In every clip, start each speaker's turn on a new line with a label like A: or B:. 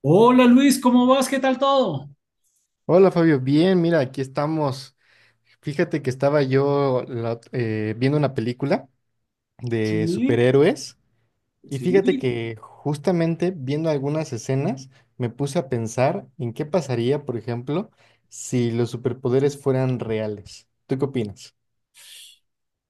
A: Hola Luis, ¿cómo vas? ¿Qué tal todo?
B: Hola Fabio, bien, mira, aquí estamos. Fíjate que estaba yo viendo una película de
A: Sí,
B: superhéroes y fíjate
A: sí.
B: que justamente viendo algunas escenas me puse a pensar en qué pasaría, por ejemplo, si los superpoderes fueran reales. ¿Tú qué opinas?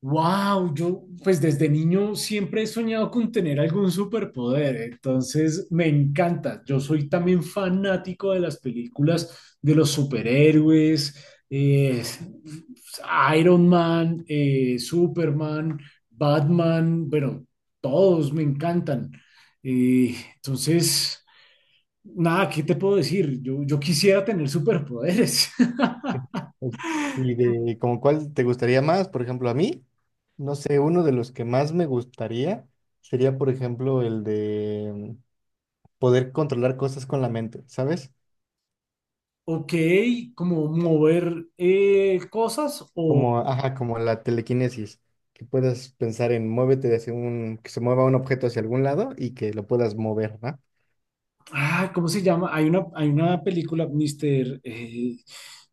A: Wow, yo pues desde niño siempre he soñado con tener algún superpoder, entonces me encanta. Yo soy también fanático de las películas de los superhéroes, eh, Iron Man, Superman, Batman, bueno, todos me encantan. Entonces, nada, ¿qué te puedo decir? Yo quisiera tener superpoderes.
B: Pues, y de como cuál te gustaría más, por ejemplo, a mí, no sé, uno de los que más me gustaría sería, por ejemplo, el de poder controlar cosas con la mente, ¿sabes?
A: Ok, como mover cosas
B: Como, ajá, como la telequinesis, que puedas pensar en muévete hacia un, que se mueva un objeto hacia algún lado y que lo puedas mover, ¿no?
A: Ah, ¿cómo se llama? Hay una película,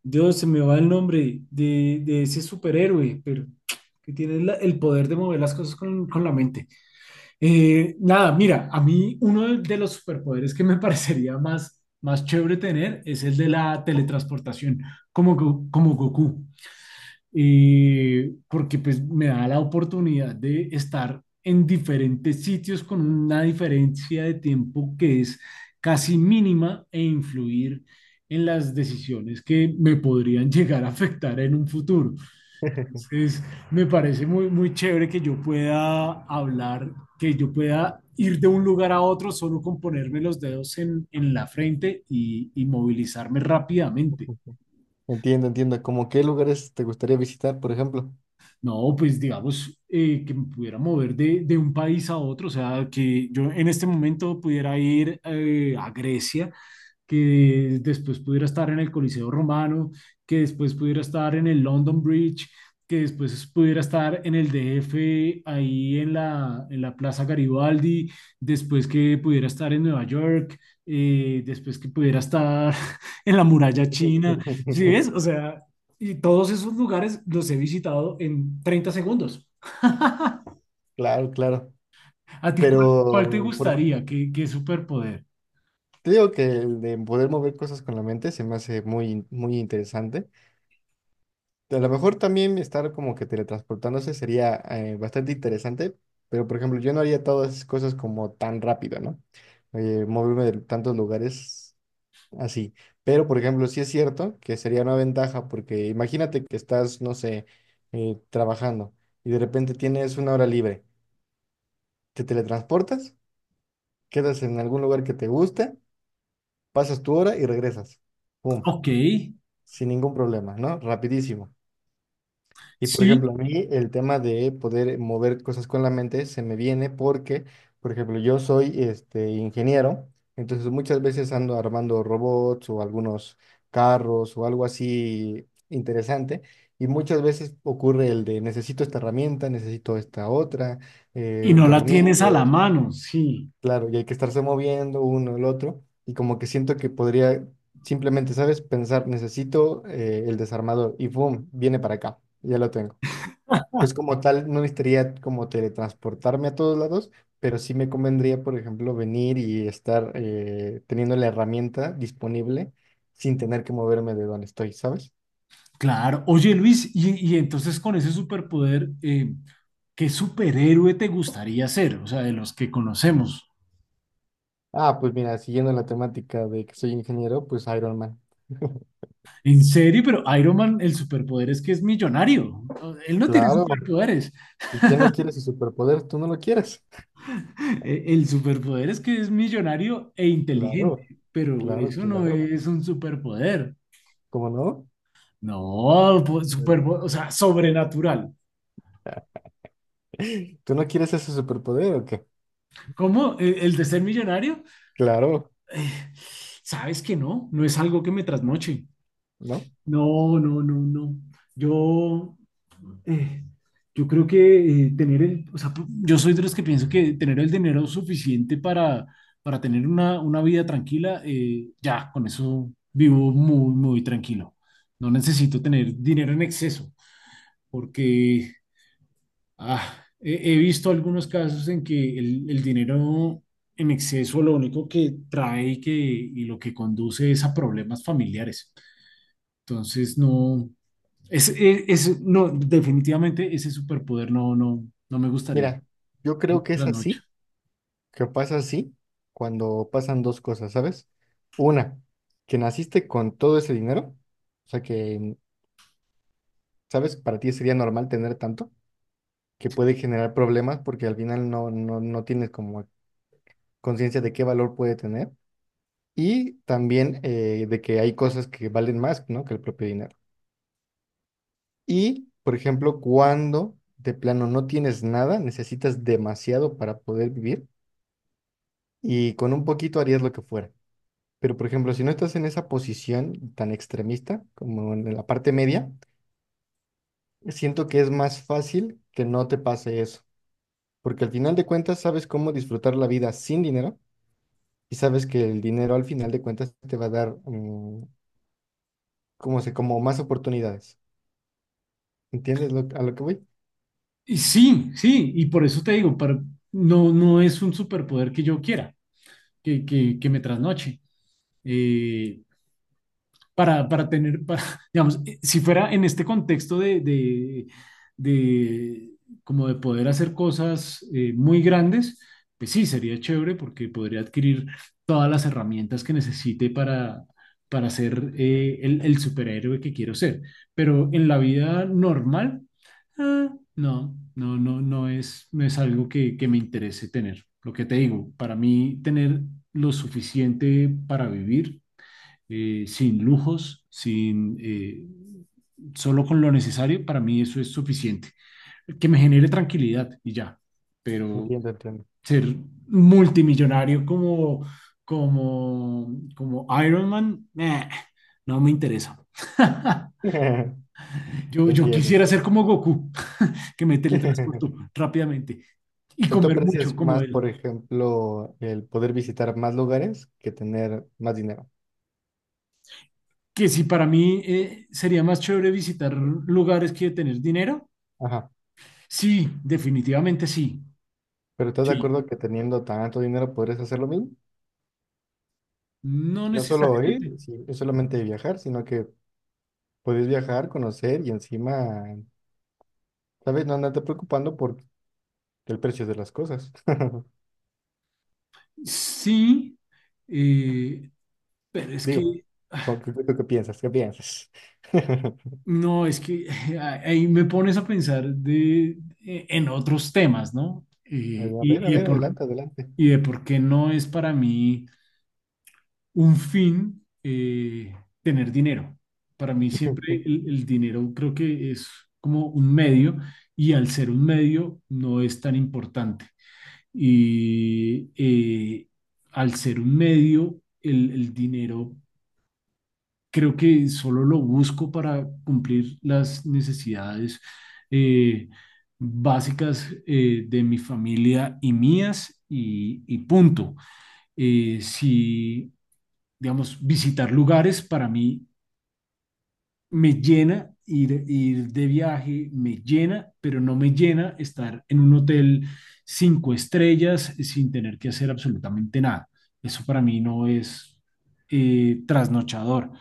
A: Dios, se me va el nombre de ese superhéroe, pero que tiene el poder de mover las cosas con la mente. Nada, mira, a mí uno de los superpoderes que me parecería más, más chévere tener es el de la teletransportación, como, como Goku. Porque pues me da la oportunidad de estar en diferentes sitios con una diferencia de tiempo que es casi mínima e influir en las decisiones que me podrían llegar a afectar en un futuro. Entonces, me parece muy, muy chévere que yo pueda hablar, que yo pueda ir de un lugar a otro solo con ponerme los dedos en la frente y movilizarme rápidamente.
B: Entiendo, entiendo. ¿Cómo qué lugares te gustaría visitar, por ejemplo?
A: No, pues digamos que me pudiera mover de un país a otro, o sea, que yo en este momento pudiera ir a Grecia, que después pudiera estar en el Coliseo Romano, que después pudiera estar en el London Bridge, que después pudiera estar en el DF, ahí en la Plaza Garibaldi, después que pudiera estar en Nueva York, después que pudiera estar en la muralla china, ¿sí ves? O sea, y todos esos lugares los he visitado en 30 segundos.
B: Claro, claro.
A: ¿A ti cuál, cuál te
B: Pero por ej-
A: gustaría? ¿Qué, qué superpoder?
B: Te digo que el de poder mover cosas con la mente se me hace muy interesante. A lo mejor también estar como que teletransportándose sería bastante interesante, pero por ejemplo, yo no haría todas esas cosas como tan rápido, ¿no? Moverme de tantos lugares así. Pero por ejemplo, sí es cierto que sería una ventaja, porque imagínate que estás, no sé, trabajando y de repente tienes una hora libre. Te teletransportas, quedas en algún lugar que te guste, pasas tu hora y regresas. ¡Pum!
A: Ok,
B: Sin ningún problema, ¿no? Rapidísimo. Y por
A: sí.
B: ejemplo, a mí el tema de poder mover cosas con la mente se me viene porque, por ejemplo, yo soy este ingeniero, entonces muchas veces ando armando robots o algunos carros o algo así interesante. Y muchas veces ocurre el de necesito esta herramienta, necesito esta otra,
A: Y no la tienes a la
B: tornillos,
A: mano, sí,
B: claro, y hay que estarse moviendo uno el otro. Y como que siento que podría simplemente, ¿sabes? Pensar, necesito el desarmador y ¡boom! Viene para acá, ya lo tengo. Entonces, como tal, no necesitaría como teletransportarme a todos lados, pero sí me convendría, por ejemplo, venir y estar teniendo la herramienta disponible sin tener que moverme de donde estoy, ¿sabes?
A: claro. Oye, Luis, y entonces con ese superpoder, ¿qué superhéroe te gustaría ser? O sea, de los que conocemos.
B: Ah, pues mira, siguiendo la temática de que soy ingeniero, pues Iron Man.
A: En serio, pero Iron Man, el superpoder es que es millonario. O- Él no tiene
B: Claro.
A: superpoderes.
B: ¿Y quién no quiere su superpoder? ¿Tú no lo quieres?
A: El superpoder es que es millonario e inteligente,
B: Claro,
A: pero
B: claro,
A: eso no
B: claro.
A: es un superpoder.
B: ¿Cómo no?
A: No, o sea, sobrenatural.
B: ¿Tú no quieres ese superpoder o qué?
A: ¿Cómo? ¿El de ser millonario?
B: Claro,
A: eh, sabes que no, no es algo que me trasnoche.
B: ¿no?
A: No, no, no, no. Yo, eh, yo creo que tener el, o sea, yo soy de los que pienso que tener el dinero suficiente para tener una vida tranquila, ya, con eso vivo muy, muy tranquilo. No necesito tener dinero en exceso, porque he visto algunos casos en que el dinero en exceso lo único que trae y, que, y lo que conduce es a problemas familiares. Entonces, no, no, definitivamente ese superpoder no, no, no me gustaría.
B: Mira, yo creo que
A: La
B: es
A: noche.
B: así que pasa así cuando pasan dos cosas, ¿sabes? Una, que naciste con todo ese dinero, o sea que, ¿sabes? Para ti sería normal tener tanto, que puede generar problemas porque al final no tienes como conciencia de qué valor puede tener y también de que hay cosas que valen más, ¿no? que el propio dinero. Y, por ejemplo, cuando de plano no tienes nada, necesitas demasiado para poder vivir y con un poquito harías lo que fuera. Pero, por ejemplo, si no estás en esa posición tan extremista como en la parte media, siento que es más fácil que no te pase eso, porque al final de cuentas sabes cómo disfrutar la vida sin dinero y sabes que el dinero al final de cuentas te va a dar como se, como más oportunidades. ¿A lo que voy?
A: Y sí, sí, y por eso te digo, no, no es un superpoder que yo quiera, que me trasnoche. Eh, para tener, para, digamos, si fuera en este contexto de como de poder hacer cosas muy grandes, pues sí, sería chévere porque podría adquirir todas las herramientas que necesite para ser el superhéroe que quiero ser. Pero en la vida normal, ah, no, no, no, no es, no es algo que me interese tener. Lo que te digo, para mí tener lo suficiente para vivir sin lujos, sin, solo con lo necesario, para mí eso es suficiente. Que me genere tranquilidad y ya. Pero
B: Entiendo, entiendo.
A: ser multimillonario como, como, como Iron Man, no me interesa. Yo
B: Entiendo,
A: quisiera ser
B: entiendo.
A: como Goku, que me teletransporto rápidamente
B: O
A: y
B: sea, tú
A: comer mucho
B: aprecias
A: como
B: más,
A: él.
B: por ejemplo, el poder visitar más lugares que tener más dinero.
A: Que si para mí sería más chévere visitar lugares que tener dinero,
B: Ajá.
A: sí, definitivamente sí.
B: Pero ¿estás de
A: Sí,
B: acuerdo que teniendo tanto dinero podrías hacer lo mismo?
A: no
B: No solo ir,
A: necesariamente.
B: sí, no solamente viajar, sino que puedes viajar, conocer y encima, ¿sabes? No andarte preocupando por el precio de las cosas.
A: Sí, eh, pero es
B: Digo, ¿con ¿qué, qué, qué piensas? ¿Qué piensas?
A: no, es que ahí me pones a pensar de, en otros temas, ¿no? Y,
B: A ver, adelante, adelante.
A: y de por qué no es para mí un fin tener dinero. Para mí siempre el dinero creo que es como un medio y al ser un medio no es tan importante. Y eh, Al ser un medio, el dinero creo que solo lo busco para cumplir las necesidades eh, básicas de mi familia y mías y punto. Si, digamos, visitar lugares para mí me llena ir, ir de viaje, me llena, pero no me llena estar en un hotel cinco estrellas sin tener que hacer absolutamente nada. Eso para mí no es trasnochador.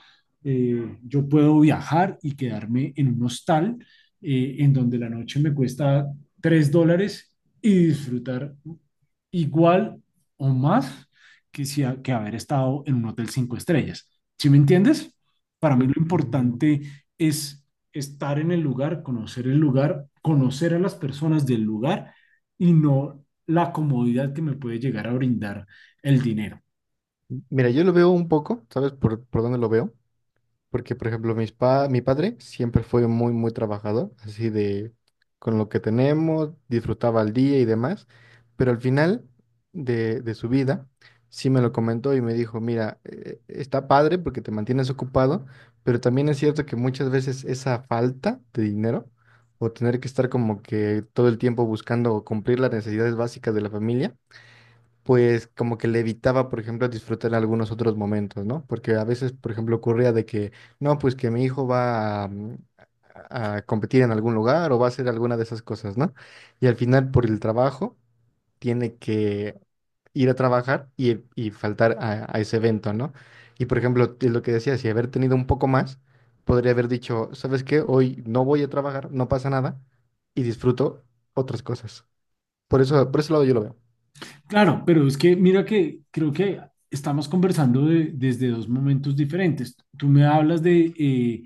A: Yo puedo viajar y quedarme en un hostal en donde la noche me cuesta tres dólares y disfrutar igual o más que, si que haber estado en un hotel cinco estrellas. ¿Sí me entiendes? Para mí lo importante es estar en el lugar, conocer a las personas del lugar y no la comodidad que me puede llegar a brindar el dinero.
B: Mira, yo lo veo un poco, ¿sabes por dónde lo veo? Porque, por ejemplo, mis pa mi padre siempre fue muy, muy trabajador, así de con lo que tenemos, disfrutaba el día y demás, pero al final de su vida sí me lo comentó y me dijo, mira, está padre porque te mantienes ocupado, pero también es cierto que muchas veces esa falta de dinero o tener que estar como que todo el tiempo buscando cumplir las necesidades básicas de la familia, pues como que le evitaba, por ejemplo, disfrutar algunos otros momentos, ¿no? Porque a veces, por ejemplo, ocurría de que, no, pues que mi hijo va a, a competir en algún lugar o va a hacer alguna de esas cosas, ¿no? Y al final, por el trabajo, tiene que ir a trabajar y faltar a ese evento, ¿no? Y por ejemplo, lo que decía, si haber tenido un poco más, podría haber dicho, ¿sabes qué? Hoy no voy a trabajar, no pasa nada y disfruto otras cosas. Por eso, por ese lado yo lo veo.
A: Claro, pero es que mira que creo que estamos conversando desde dos momentos diferentes. Tú me hablas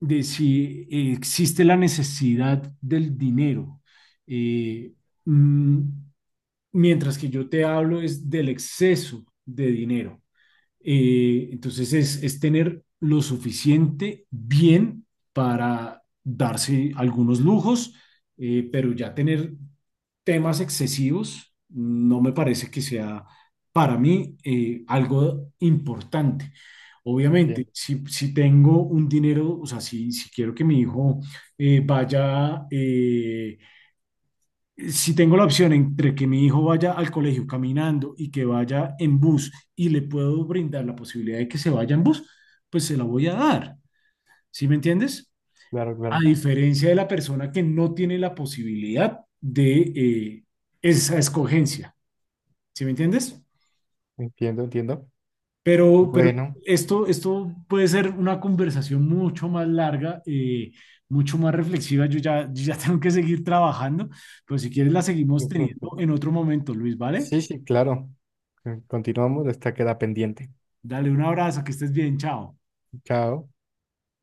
A: de si existe la necesidad del dinero. Eh, mm, Mientras que yo te hablo es del exceso de dinero. Entonces es tener lo suficiente bien para darse algunos lujos, pero ya tener temas excesivos no me parece que sea para mí algo importante. Obviamente,
B: Entiendo,
A: si, si tengo un dinero, o sea, si quiero que mi hijo vaya, si tengo la opción entre que mi hijo vaya al colegio caminando y que vaya en bus y le puedo brindar la posibilidad de que se vaya en bus, pues se la voy a dar. ¿Sí me entiendes?
B: claro,
A: A
B: claro.
A: diferencia de la persona que no tiene la posibilidad de esa escogencia. ¿Sí me entiendes?
B: Entiendo, entiendo.
A: Pero
B: Bueno,
A: esto, esto puede ser una conversación mucho más larga, mucho más reflexiva. Yo ya tengo que seguir trabajando, pero si quieres la seguimos teniendo en otro momento, Luis, ¿vale?
B: sí, sí, claro. Continuamos, esta queda pendiente.
A: Dale un abrazo, que estés bien, chao.
B: Chao.